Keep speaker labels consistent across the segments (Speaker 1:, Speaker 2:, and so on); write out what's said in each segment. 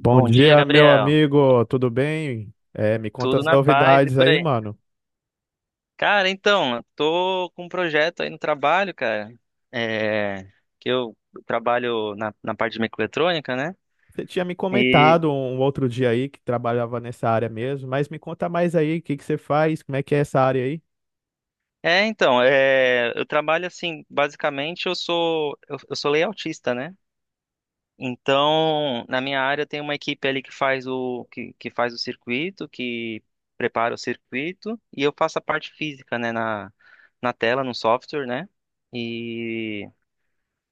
Speaker 1: Bom
Speaker 2: dia,
Speaker 1: dia, meu
Speaker 2: Gabriel.
Speaker 1: amigo, tudo bem? Me conta
Speaker 2: Tudo
Speaker 1: as
Speaker 2: na paz e
Speaker 1: novidades
Speaker 2: por
Speaker 1: aí,
Speaker 2: aí.
Speaker 1: mano.
Speaker 2: Cara, então, eu tô com um projeto aí no trabalho, cara. É, que eu trabalho na parte de microeletrônica, né?
Speaker 1: Você tinha me
Speaker 2: E
Speaker 1: comentado um outro dia aí que trabalhava nessa área mesmo, mas me conta mais aí, o que que você faz, como é que é essa área aí?
Speaker 2: eu trabalho assim, basicamente eu sou layoutista, né? Então, na minha área tem uma equipe ali que faz que faz o circuito, que prepara o circuito, e eu faço a parte física, né, na tela, no software, né? E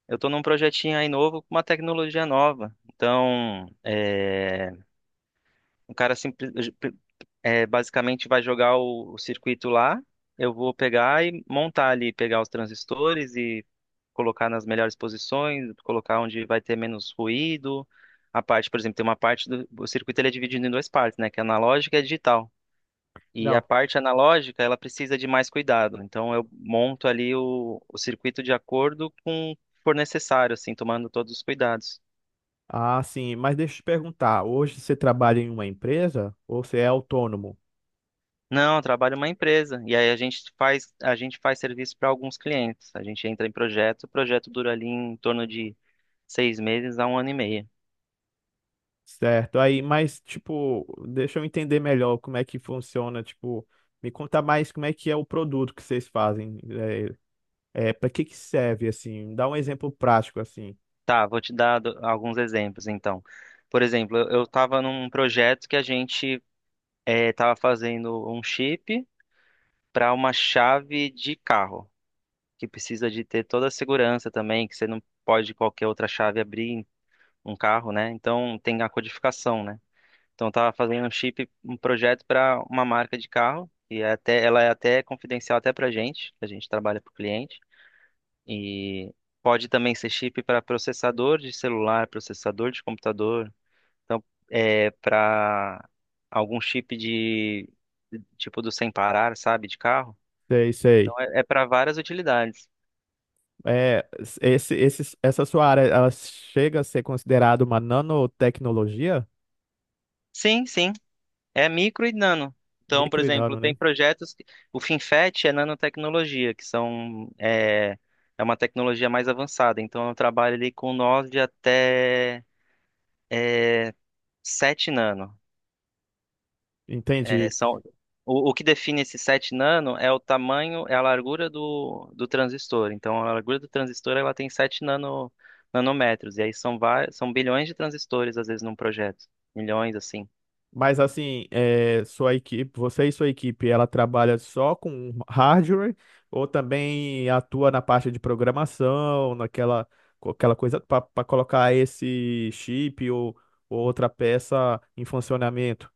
Speaker 2: Eu tô num projetinho aí novo com uma tecnologia nova. Então, o cara simples, é, basicamente vai jogar o circuito lá, eu vou pegar e montar ali, pegar os transistores e colocar nas melhores posições, colocar onde vai ter menos ruído. A parte, por exemplo, tem uma parte do o circuito ele é dividido em duas partes, né? Que é analógica e digital. E a
Speaker 1: Não,
Speaker 2: parte analógica, ela precisa de mais cuidado. Então, eu monto ali o circuito de acordo com o que for necessário, assim, tomando todos os cuidados.
Speaker 1: ah, sim, mas deixa eu te perguntar, hoje você trabalha em uma empresa ou você é autônomo?
Speaker 2: Não, eu trabalho em uma empresa e aí a gente faz serviço para alguns clientes. A gente entra em projeto, o projeto dura ali em torno de seis meses a um ano e meio.
Speaker 1: Certo, aí, mas tipo, deixa eu entender melhor como é que funciona, tipo, me conta mais como é que é o produto que vocês fazem, para que que serve, assim, dá um exemplo prático, assim.
Speaker 2: Tá, vou te dar alguns exemplos então. Por exemplo, eu estava num projeto que a gente estava fazendo um chip para uma chave de carro. Que precisa de ter toda a segurança também, que você não pode qualquer outra chave abrir um carro, né? Então tem a codificação, né? Então eu tava fazendo um chip, um projeto para uma marca de carro e é até ela é até confidencial até para gente, a gente trabalha para o cliente e pode também ser chip para processador de celular, processador de computador, então é para algum chip de tipo do sem parar, sabe, de carro.
Speaker 1: Sei,
Speaker 2: Então
Speaker 1: sei.
Speaker 2: é para várias utilidades.
Speaker 1: É, essa sua área, ela chega a ser considerada uma nanotecnologia?
Speaker 2: Sim, sim. É micro e nano. Então, por
Speaker 1: Micro e
Speaker 2: exemplo,
Speaker 1: nano,
Speaker 2: tem
Speaker 1: né?
Speaker 2: projetos que... O FinFET é nanotecnologia, que são... É, é uma tecnologia mais avançada. Então, eu trabalho ali com 9 até é, 7 nano. É,
Speaker 1: Entendi.
Speaker 2: são... o que define esse 7 nano é o tamanho, é a largura do transistor. Então, a largura do transistor, ela tem 7 nano, nanômetros. E aí são, vários, são bilhões de transistores, às vezes, num projeto. Milhões, assim.
Speaker 1: Mas assim, é, você e sua equipe, ela trabalha só com hardware ou também atua na parte de programação, aquela coisa para colocar esse chip ou outra peça em funcionamento?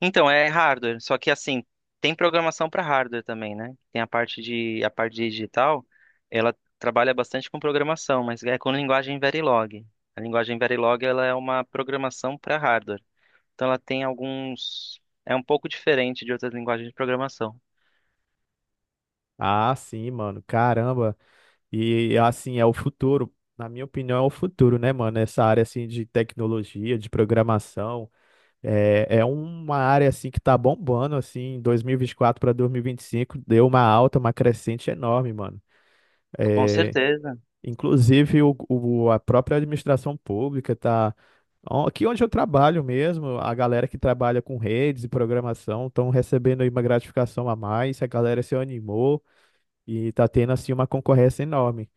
Speaker 2: Então, é hardware, só que assim, tem programação para hardware também, né? Tem a parte digital, ela trabalha bastante com programação, mas é com linguagem Verilog. A linguagem Verilog, ela é uma programação para hardware. Então ela tem alguns é um pouco diferente de outras linguagens de programação.
Speaker 1: Ah, sim, mano. Caramba. E assim, na minha opinião, é o futuro, né, mano? Essa área assim de tecnologia, de programação, é uma área assim que tá bombando assim, em 2024 para 2025, deu uma alta, uma crescente enorme, mano.
Speaker 2: Com
Speaker 1: É,
Speaker 2: certeza.
Speaker 1: inclusive a própria administração pública tá. Ó, aqui onde eu trabalho mesmo, a galera que trabalha com redes e programação estão recebendo aí uma gratificação a mais, a galera se animou e tá tendo assim uma concorrência enorme.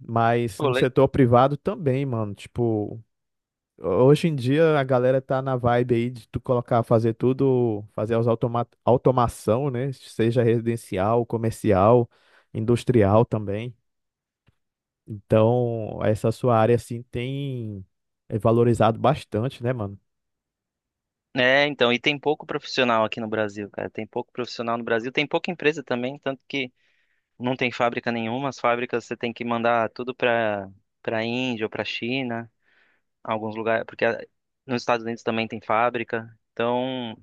Speaker 1: Mas
Speaker 2: Pô,
Speaker 1: no
Speaker 2: le-
Speaker 1: setor privado também, mano. Tipo, hoje em dia a galera tá na vibe aí de tu colocar, fazer tudo, fazer as automação, né? Seja residencial, comercial, industrial também. Então, essa sua área assim tem é valorizado bastante, né, mano?
Speaker 2: É, então, e tem pouco profissional aqui no Brasil, cara. Tem pouco profissional no Brasil, tem pouca empresa também, tanto que não tem fábrica nenhuma, as fábricas você tem que mandar tudo para Índia ou para China. Alguns lugares, porque nos Estados Unidos também tem fábrica. Então,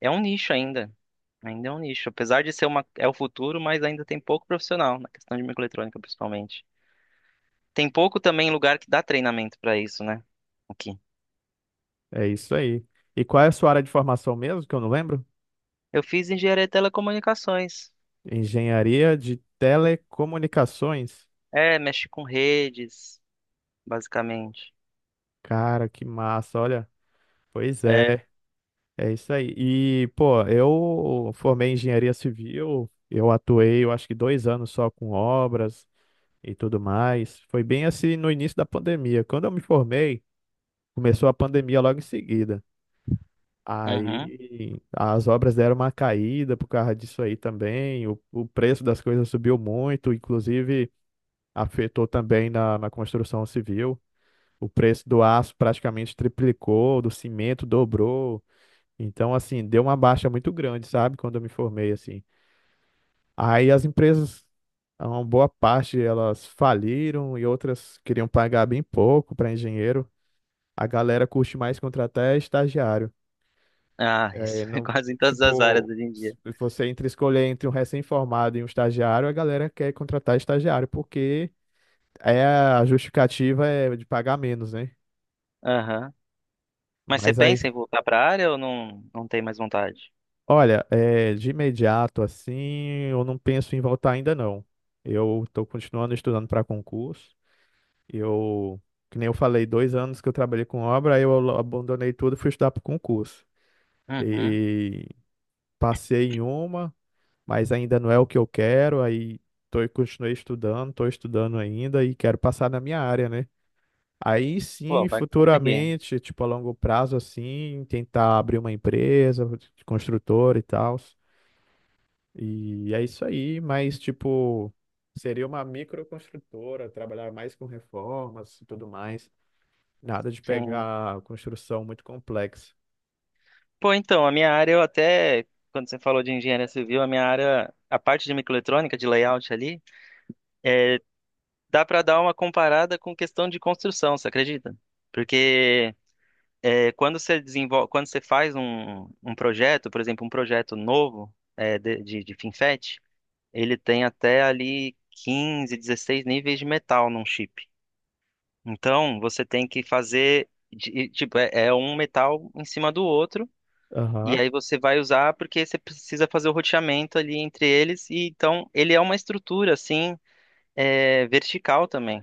Speaker 2: é um nicho ainda. Ainda é um nicho. Apesar de ser uma, é o futuro, mas ainda tem pouco profissional na questão de microeletrônica, principalmente. Tem pouco também lugar que dá treinamento para isso, né? Aqui.
Speaker 1: É isso aí. E qual é a sua área de formação mesmo, que eu não lembro?
Speaker 2: Eu fiz engenharia de telecomunicações.
Speaker 1: Engenharia de telecomunicações.
Speaker 2: É, mexe com redes, basicamente.
Speaker 1: Cara, que massa, olha. Pois
Speaker 2: É.
Speaker 1: é. É isso aí. E, pô, eu formei em engenharia civil, eu atuei, eu acho que dois anos só com obras e tudo mais. Foi bem assim no início da pandemia. Quando eu me formei, começou a pandemia logo em seguida.
Speaker 2: Uhum.
Speaker 1: Aí as obras deram uma caída por causa disso aí também. O preço das coisas subiu muito, inclusive afetou também na construção civil. O preço do aço praticamente triplicou, do cimento dobrou. Então, assim, deu uma baixa muito grande, sabe? Quando eu me formei, assim. Aí as empresas, ah, uma boa parte elas faliram e outras queriam pagar bem pouco para engenheiro. A galera curte mais contratar é estagiário.
Speaker 2: Ah,
Speaker 1: É,
Speaker 2: isso é
Speaker 1: não,
Speaker 2: quase em todas as áreas
Speaker 1: tipo,
Speaker 2: hoje em
Speaker 1: se
Speaker 2: dia.
Speaker 1: você entre escolher entre um recém-formado e um estagiário, a galera quer contratar estagiário, porque a justificativa é de pagar menos, né?
Speaker 2: Aham. Mas você
Speaker 1: Mas aí.
Speaker 2: pensa em voltar para a área ou não, não tem mais vontade?
Speaker 1: Olha, é, de imediato assim, eu não penso em voltar ainda não. Eu estou continuando estudando para concurso. Eu, que nem eu falei, dois anos que eu trabalhei com obra, aí eu abandonei tudo e fui estudar para concurso.
Speaker 2: Uhum.
Speaker 1: E passei em uma, mas ainda não é o que eu quero. Aí tô, e continuei estudando, estou estudando ainda e quero passar na minha área, né? Aí
Speaker 2: Pô,
Speaker 1: sim,
Speaker 2: vai conseguir.
Speaker 1: futuramente, tipo a longo prazo assim, tentar abrir uma empresa de construtor e tal. E é isso aí, mas tipo, seria uma microconstrutora, trabalhar mais com reformas e tudo mais. Nada de
Speaker 2: Sim.
Speaker 1: pegar construção muito complexa.
Speaker 2: Pô, então, a minha área eu até, quando você falou de engenharia civil, a minha área, a parte de microeletrônica, de layout ali, é, dá para dar uma comparada com questão de construção, você acredita? Porque é, quando você desenvolve, quando você faz um projeto, por exemplo, um projeto novo é, de FinFET, ele tem até ali 15 16 níveis de metal num chip. Então, você tem que fazer, tipo, é um metal em cima do outro. E
Speaker 1: Aham.
Speaker 2: aí você vai usar porque você precisa fazer o roteamento ali entre eles. E então ele é uma estrutura assim é, vertical também.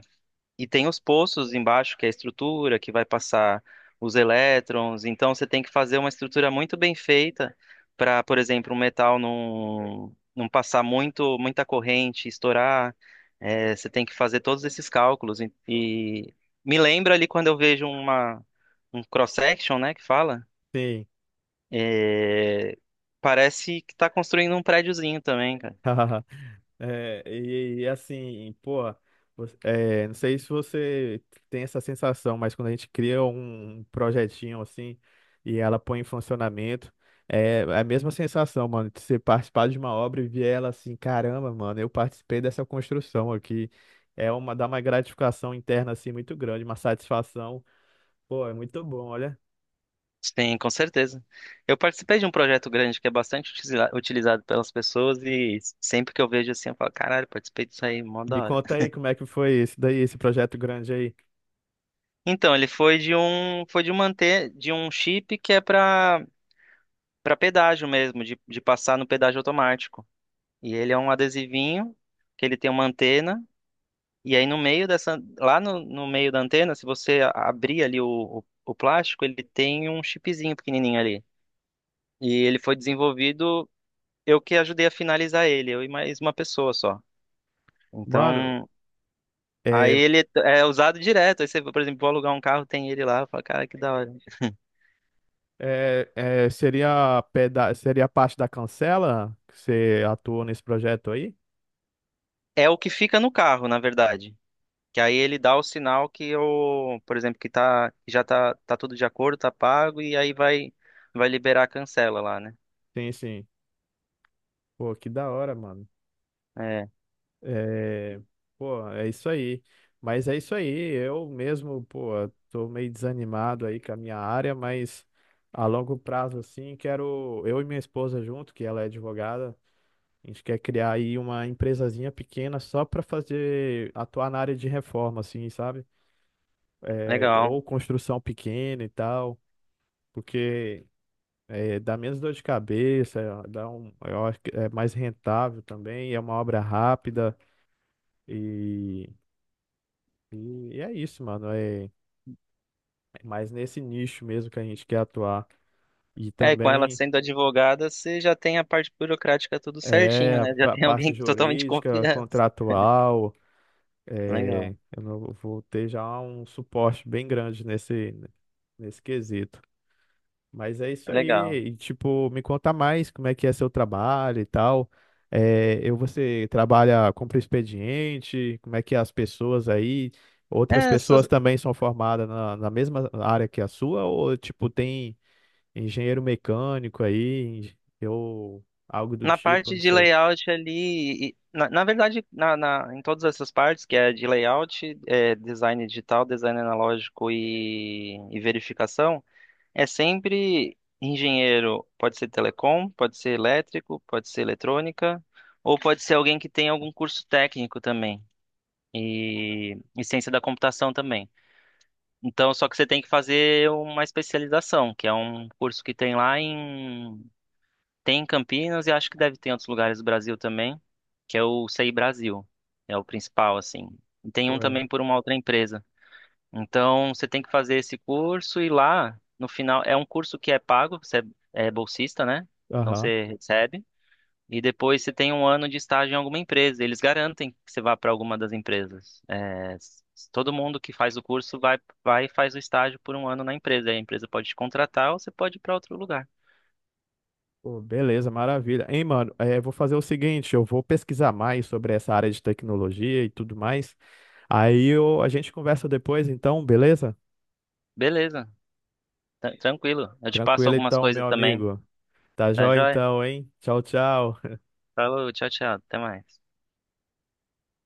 Speaker 2: E tem os poços embaixo, que é a estrutura que vai passar os elétrons. Então você tem que fazer uma estrutura muito bem feita para, por exemplo, um metal não passar muito muita corrente, estourar. É, você tem que fazer todos esses cálculos. E me lembra ali quando eu vejo um cross-section, né, que fala.
Speaker 1: Sim.
Speaker 2: É, parece que tá construindo um prédiozinho também, cara.
Speaker 1: É, e assim, pô, você- é, não sei se você tem essa sensação, mas quando a gente cria um projetinho assim e ela põe em funcionamento, é a mesma sensação, mano, de você participar de uma obra e ver ela assim, caramba, mano, eu participei dessa construção aqui. É uma, dá uma gratificação interna assim muito grande, uma satisfação. Pô, é muito bom, olha.
Speaker 2: Sim, com certeza. Eu participei de um projeto grande que é bastante utilizado pelas pessoas e sempre que eu vejo assim, eu falo, caralho, participei disso aí, mó
Speaker 1: Me
Speaker 2: da hora.
Speaker 1: conta aí como é que foi esse daí, esse projeto grande aí.
Speaker 2: Então, ele foi foi de um manter, de um chip que é para pedágio mesmo, de passar no pedágio automático. E ele é um adesivinho que ele tem uma antena. E aí no meio dessa, lá no meio da antena, se você abrir ali o plástico, ele tem um chipzinho pequenininho ali. E ele foi desenvolvido, eu que ajudei a finalizar ele, eu e mais uma pessoa só.
Speaker 1: Mano,
Speaker 2: Então, aí
Speaker 1: é.
Speaker 2: ele é usado direto. Aí você, por exemplo, vou alugar um carro, tem ele lá, eu falo, cara, que da hora.
Speaker 1: É, é, seria, peda seria parte da Cancela que você atuou nesse projeto aí?
Speaker 2: É o que fica no carro, na verdade. Que aí ele dá o sinal que eu, por exemplo, que tá, que já tá, tá tudo de acordo, tá pago, e aí vai liberar a cancela lá, né?
Speaker 1: Sim, sim. Pô, que da hora, mano.
Speaker 2: É,
Speaker 1: É, pô, é isso aí. Mas é isso aí. Eu mesmo, pô, tô meio desanimado aí com a minha área, mas a longo prazo, assim, quero. Eu e minha esposa junto, que ela é advogada, a gente quer criar aí uma empresazinha pequena só pra fazer, atuar na área de reforma, assim, sabe? É,
Speaker 2: legal.
Speaker 1: ou construção pequena e tal. Porque é, dá menos dor de cabeça, é, dá um, eu acho que é mais rentável também, é uma obra rápida e, e é isso, mano. É, é mais nesse nicho mesmo que a gente quer atuar. E
Speaker 2: É, e com ela
Speaker 1: também
Speaker 2: sendo advogada, você já tem a parte burocrática tudo
Speaker 1: é
Speaker 2: certinho,
Speaker 1: a
Speaker 2: né? Já tem
Speaker 1: parte
Speaker 2: alguém totalmente de
Speaker 1: jurídica,
Speaker 2: confiança.
Speaker 1: contratual,
Speaker 2: Legal,
Speaker 1: é, eu vou ter já um suporte bem grande nesse, nesse quesito. Mas é isso
Speaker 2: legal.
Speaker 1: aí. E, tipo, me conta mais como é que é seu trabalho e tal. É, eu, você trabalha, cumpre o expediente, como é que é as pessoas aí? Outras
Speaker 2: É, só-
Speaker 1: pessoas também são formadas na mesma área que a sua? Ou, tipo, tem engenheiro mecânico aí, ou algo do
Speaker 2: Na
Speaker 1: tipo,
Speaker 2: parte
Speaker 1: não
Speaker 2: de
Speaker 1: sei.
Speaker 2: layout ali, na, em todas essas partes, que é de layout, é, design digital, design analógico e verificação, é sempre engenheiro, pode ser telecom, pode ser elétrico, pode ser eletrônica, ou pode ser alguém que tem algum curso técnico também, e ciência da computação também. Então, só que você tem que fazer uma especialização, que é um curso que tem lá em. Tem em Campinas e acho que deve ter em outros lugares do Brasil também, que é o CI Brasil. É o principal, assim. E tem um
Speaker 1: Ué.
Speaker 2: também por uma outra empresa. Então, você tem que fazer esse curso e lá, no final, é um curso que é pago, você é bolsista, né? Então,
Speaker 1: Aham.
Speaker 2: você recebe. E depois você tem um ano de estágio em alguma empresa. Eles garantem que você vá para alguma das empresas. Todo mundo que faz o curso vai e faz o estágio por um ano na empresa. Aí a empresa pode te contratar ou você pode ir para outro lugar.
Speaker 1: Pô, beleza, maravilha. Hein, mano, é, vou fazer o seguinte, eu vou pesquisar mais sobre essa área de tecnologia e tudo mais. Aí eu, a gente conversa depois, então, beleza?
Speaker 2: Beleza, tranquilo. Eu te passo
Speaker 1: Tranquilo
Speaker 2: algumas
Speaker 1: então,
Speaker 2: coisas
Speaker 1: meu
Speaker 2: também.
Speaker 1: amigo. Tá
Speaker 2: Tá
Speaker 1: jóia
Speaker 2: joia?
Speaker 1: então, hein? Tchau, tchau.
Speaker 2: Falou, tchau, tchau. Até mais.